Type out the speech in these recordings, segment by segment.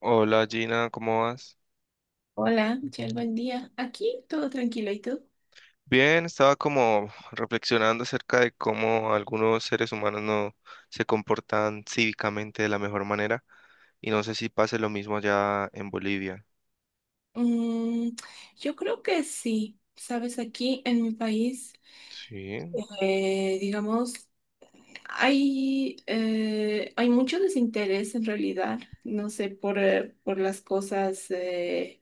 Hola Gina, ¿cómo vas? Hola, Michelle, buen día. Aquí todo tranquilo, ¿y tú? Bien, estaba como reflexionando acerca de cómo algunos seres humanos no se comportan cívicamente de la mejor manera y no sé si pase lo mismo allá en Bolivia. Mm, yo creo que sí. Sabes, aquí en mi país, Sí. Digamos, hay mucho desinterés en realidad, no sé, por las cosas,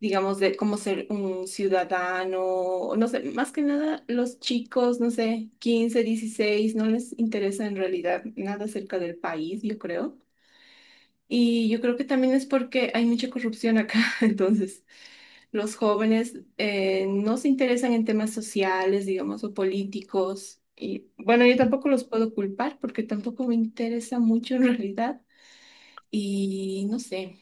digamos, de cómo ser un ciudadano, no sé, más que nada los chicos, no sé, 15, 16, no les interesa en realidad nada acerca del país, yo creo. Y yo creo que también es porque hay mucha corrupción acá, entonces los jóvenes no se interesan en temas sociales, digamos, o políticos. Y bueno, yo tampoco los puedo culpar porque tampoco me interesa mucho en realidad. Y no sé,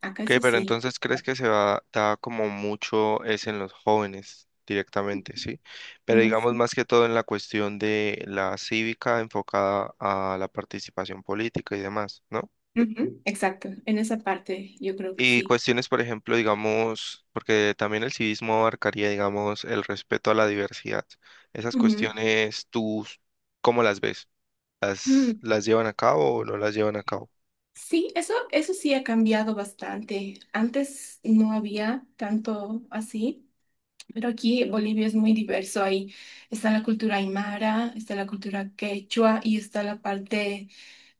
acá es Ok, pero así. entonces crees que se va, da como mucho es en los jóvenes directamente, ¿sí? Pero En los- digamos más que todo en la cuestión de la cívica enfocada a la participación política y demás, ¿no? Ujú, exacto, en esa parte yo creo que Y sí. cuestiones, por ejemplo, digamos, porque también el civismo abarcaría, digamos, el respeto a la diversidad. Esas Ujú. cuestiones, ¿tú cómo las ves? ¿Las, Mm, las llevan a cabo o no las llevan a cabo? sí, eso sí ha cambiado bastante. Antes no había tanto así. Pero aquí Bolivia es muy diverso. Ahí está la cultura aymara, está la cultura quechua y está la parte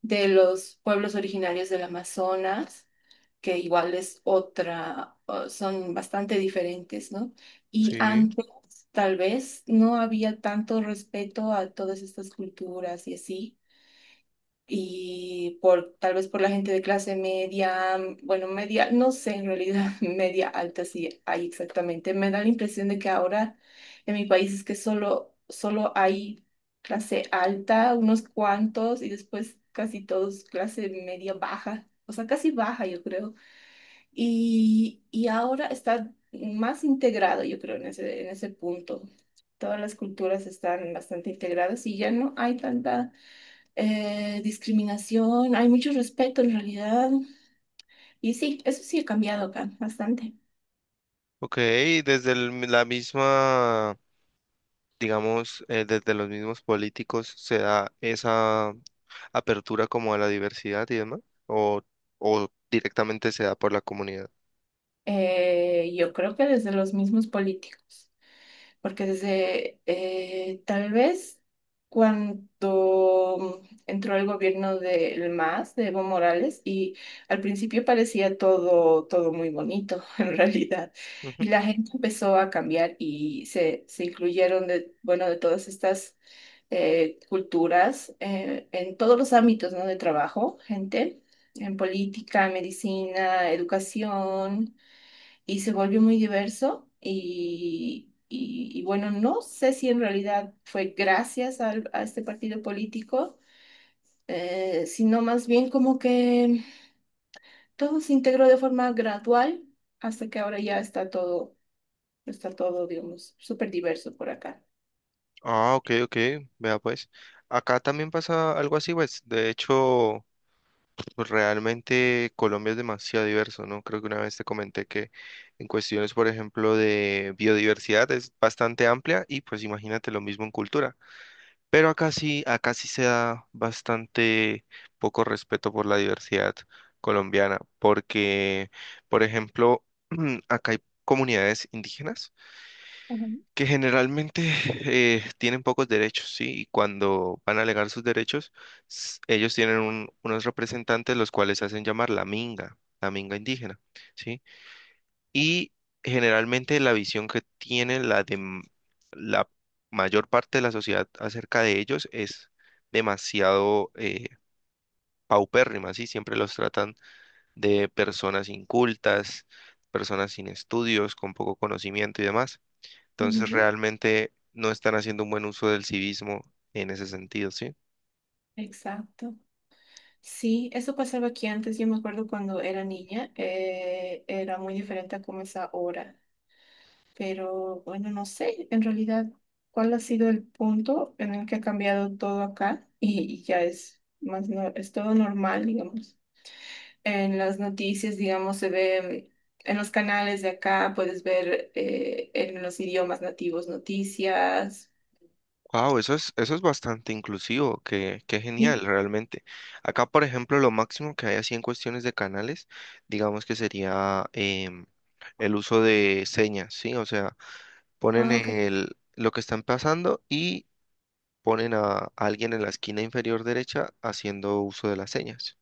de los pueblos originarios del Amazonas, que igual es otra, o son bastante diferentes, ¿no? Y Sí, antes, tal vez, no había tanto respeto a todas estas culturas y así y por tal vez por la gente de clase media, mm, bueno, media, no sé, en realidad media alta sí hay exactamente. Me da la impresión de que ahora en mi país es que solo hay clase alta, unos cuantos, y después casi todos clase media baja, o sea, casi baja, yo creo. Y ahora está más integrado, yo creo, en ese punto. Todas las culturas están bastante integradas y ya no hay tanta discriminación, hay mucho respeto en realidad. Y sí, eso sí ha cambiado acá bastante. ok, la misma, digamos, desde los mismos políticos se da esa apertura como a la diversidad y demás, o, o directamente se da por la comunidad. Yo creo que desde los mismos políticos, porque desde tal vez cuando entró el gobierno del MAS, de Evo Morales, y al principio parecía todo muy bonito en realidad. Y la gente empezó a cambiar y se incluyeron de, bueno, de todas estas culturas, en todos los ámbitos, ¿no? De trabajo, gente, en política, medicina, educación, y se volvió muy diverso. Y bueno, no sé si en realidad fue a este partido político, sino más bien como que todo se integró de forma gradual hasta que ahora ya está todo, digamos, súper diverso por acá. Ah, ok, ok, vea pues. Acá también pasa algo así, pues. De hecho, pues, realmente Colombia es demasiado diverso, ¿no? Creo que una vez te comenté que en cuestiones, por ejemplo, de biodiversidad es bastante amplia y pues imagínate lo mismo en cultura. Pero acá sí se da bastante poco respeto por la diversidad colombiana, porque, por ejemplo, acá hay comunidades indígenas Ujú. que generalmente tienen pocos derechos, ¿sí? Y cuando van a alegar sus derechos, ellos tienen unos representantes los cuales se hacen llamar la minga indígena, ¿sí? Y generalmente la visión que tiene la mayor parte de la sociedad acerca de ellos es demasiado paupérrima, ¿sí? Siempre los tratan de personas incultas, personas sin estudios, con poco conocimiento y demás. Entonces Ujú. realmente no están haciendo un buen uso del civismo en ese sentido, ¿sí? Exacto. Sí, eso pasaba aquí antes. Yo me acuerdo cuando era niña, era muy diferente a como es ahora. Pero bueno, no sé en realidad cuál ha sido el punto en el que ha cambiado todo acá y ya es más, es todo normal, digamos. En las noticias, digamos, se ve en los canales de acá, puedes ver en los idiomas nativos noticias. Wow, eso es bastante inclusivo, qué genial Sí. realmente. Acá, por ejemplo, lo máximo que hay así en cuestiones de canales, digamos que sería el uso de señas, ¿sí? O sea, ponen Ah, ok. el, lo que están pasando y ponen a alguien en la esquina inferior derecha haciendo uso de las señas.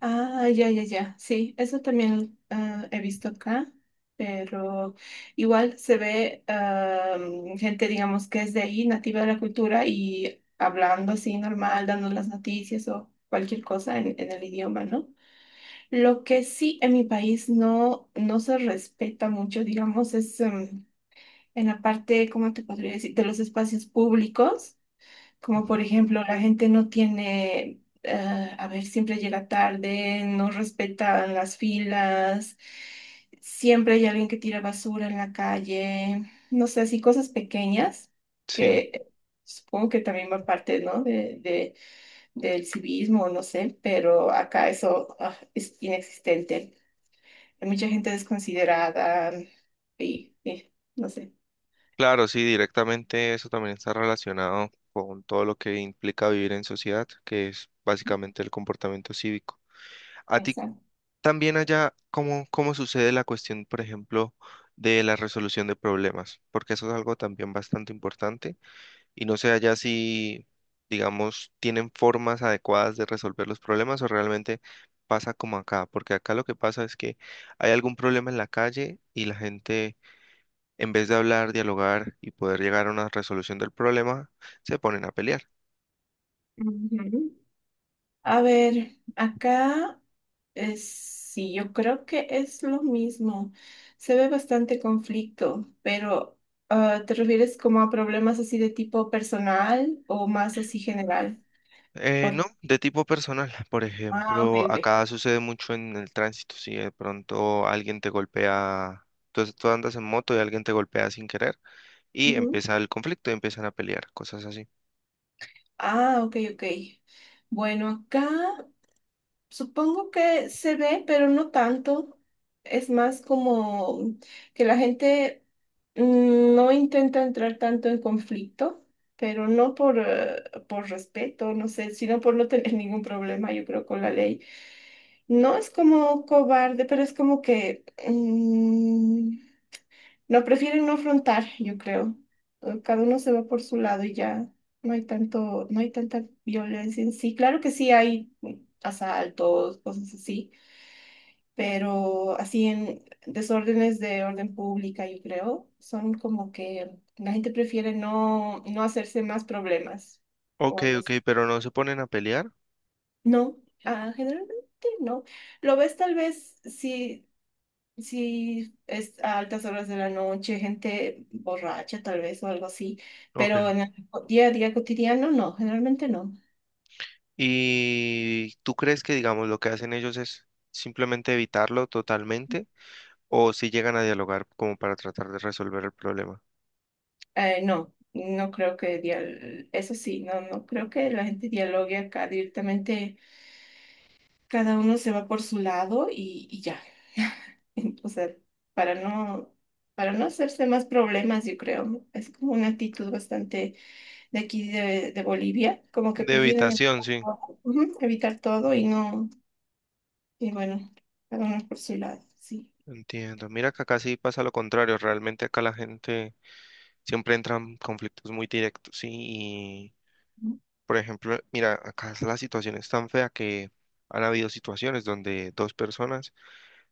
Ah, ya. Sí, eso también ah, he visto acá, pero igual se ve ah, mm, gente, digamos, que es de ahí, nativa de la cultura y hablando así normal, dando las noticias o cualquier cosa en el idioma, ¿no? Lo que sí en mi país no se respeta mucho, digamos, es em, en la parte, ¿cómo te podría decir?, de los espacios públicos. Como Ujú. por ejemplo, la gente no tiene, a ver, siempre llega tarde, no respetan las filas, siempre hay alguien que tira basura en la calle, no sé, así cosas pequeñas Sí. que supongo que también va parte, ¿no? Del civismo, no sé, pero acá eso, ah, es inexistente. Hay mucha gente desconsiderada y no sé, Claro, sí, directamente eso también está relacionado con todo lo que implica vivir en sociedad, que es básicamente el comportamiento cívico. A ti exacto. también allá, ¿cómo sucede la cuestión, por ejemplo, de la resolución de problemas? Porque eso es algo también bastante importante y no sé allá si, digamos, tienen formas adecuadas de resolver los problemas o realmente pasa como acá, porque acá lo que pasa es que hay algún problema en la calle y la gente en vez de hablar, dialogar y poder llegar a una resolución del problema, se ponen a pelear. Ujú. A ver, acá. Sí, yo creo que es lo mismo. Se ve bastante conflicto, pero ah, ¿te refieres como a problemas así de tipo personal o más así general? Por... No, de tipo personal. Por Ah, ejemplo, ok. acá sucede mucho en el tránsito. Si de pronto alguien te golpea, tú andas en moto y alguien te golpea sin querer y Ujú. empieza el conflicto y empiezan a pelear, cosas así. Ah, ok. Bueno, acá. Supongo que se ve, pero no tanto. Es más como que la gente mm, no intenta entrar tanto en conflicto, pero por respeto, no sé, sino por no tener ningún problema, yo creo, con la ley. No es como cobarde, pero es como que mm, no prefieren no afrontar, yo creo. Cada uno se va por su lado y ya no hay tanta violencia en sí. Claro que sí hay mm, asaltos, cosas así pero así en desórdenes de orden pública, yo creo, son como que la gente prefiere no hacerse más problemas o Ok, algo ok, así. pero no se ponen a pelear. No, ah, generalmente no. Lo ves tal vez si es a altas horas de la noche, gente borracha tal vez o algo así, Ok. pero en el día a día cotidiano no, generalmente no. ¿Y tú crees que, digamos, lo que hacen ellos es simplemente evitarlo totalmente o si llegan a dialogar como para tratar de resolver el problema? No. Eso sí, no creo que la gente dialogue acá directamente cada uno se va por su lado y ya. O sea, para no, para no hacerse más problemas, yo creo. ¿No? Es como una actitud bastante de aquí de Bolivia, como que De prefieren habitación, sí, ujú, evitar todo y no, y bueno, cada uno por su lado, sí. entiendo. Mira que acá sí pasa lo contrario. Realmente acá la gente siempre entra en conflictos muy directos, sí. Y, ¿No? por ejemplo, mira, acá la situación es tan fea que han habido situaciones donde dos personas,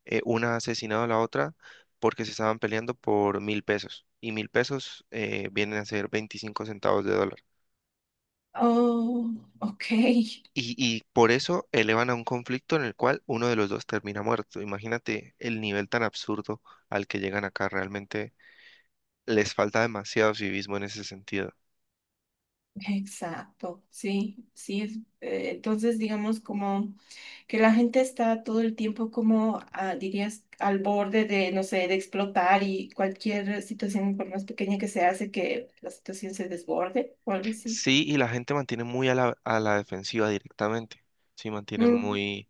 una ha asesinado a la otra porque se estaban peleando por 1.000 pesos. Y 1.000 pesos vienen a ser 25 centavos de dólar. Oh, ok, Y por eso elevan a un conflicto en el cual uno de los dos termina muerto. Imagínate el nivel tan absurdo al que llegan acá realmente les falta demasiado civismo en ese sentido. exacto, sí, es, entonces digamos... como... que la gente está todo el tiempo como, ah, dirías, al borde de, no sé, de explotar y cualquier situación, por más pequeña que sea, hace que la situación se desborde o algo así. Sí, y la gente mantiene muy a la defensiva directamente. Sí, mantienen Mm, muy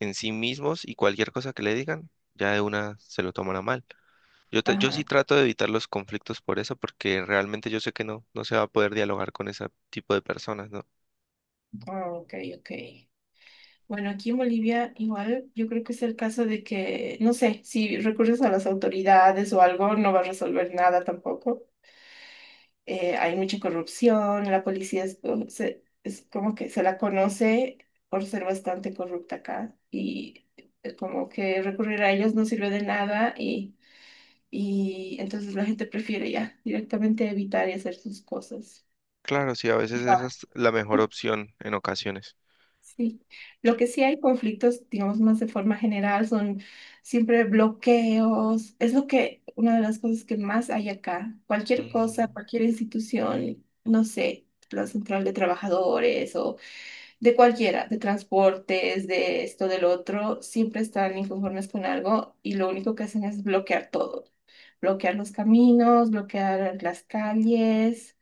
en sí mismos y cualquier cosa que le digan, ya de una se lo toman a mal. Yo, yo sí ajá, trato de evitar los conflictos por eso, porque realmente yo sé que no se va a poder dialogar con ese tipo de personas, ¿no? ah, ok. Bueno, aquí en Bolivia igual yo creo que es el caso de que, no sé, si recurres a las autoridades o algo, no va a resolver nada tampoco. Hay mucha corrupción, la policía es como que se la conoce por ser bastante corrupta acá y como que recurrir a ellos no sirve de nada y entonces la gente prefiere ya directamente evitar y hacer sus cosas. Claro, sí, a veces esa es la mejor opción en ocasiones. Sí, lo que sí hay conflictos, digamos más de forma general, son siempre bloqueos. Es lo que, una de las cosas que más hay acá. Cualquier Mm, cosa, cualquier institución, no sé, la central de trabajadores o de cualquiera, de transportes, de esto, del otro, siempre están inconformes con algo y lo único que hacen es bloquear todo. Bloquear los caminos, bloquear las calles.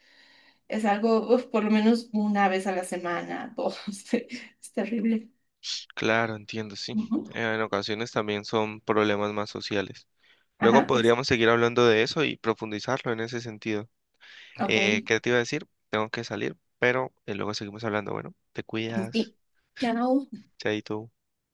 Es algo, uf, por lo menos una vez a la semana, dos. Es terrible. claro, entiendo, sí. Ujú. En ocasiones también son problemas más sociales. Luego Ajá, ex- podríamos seguir hablando de eso y profundizarlo en ese sentido. ok. ¿Qué te iba a decir? Tengo que salir, pero luego seguimos hablando. Bueno, te cuidas, Sí. Chao. chaito.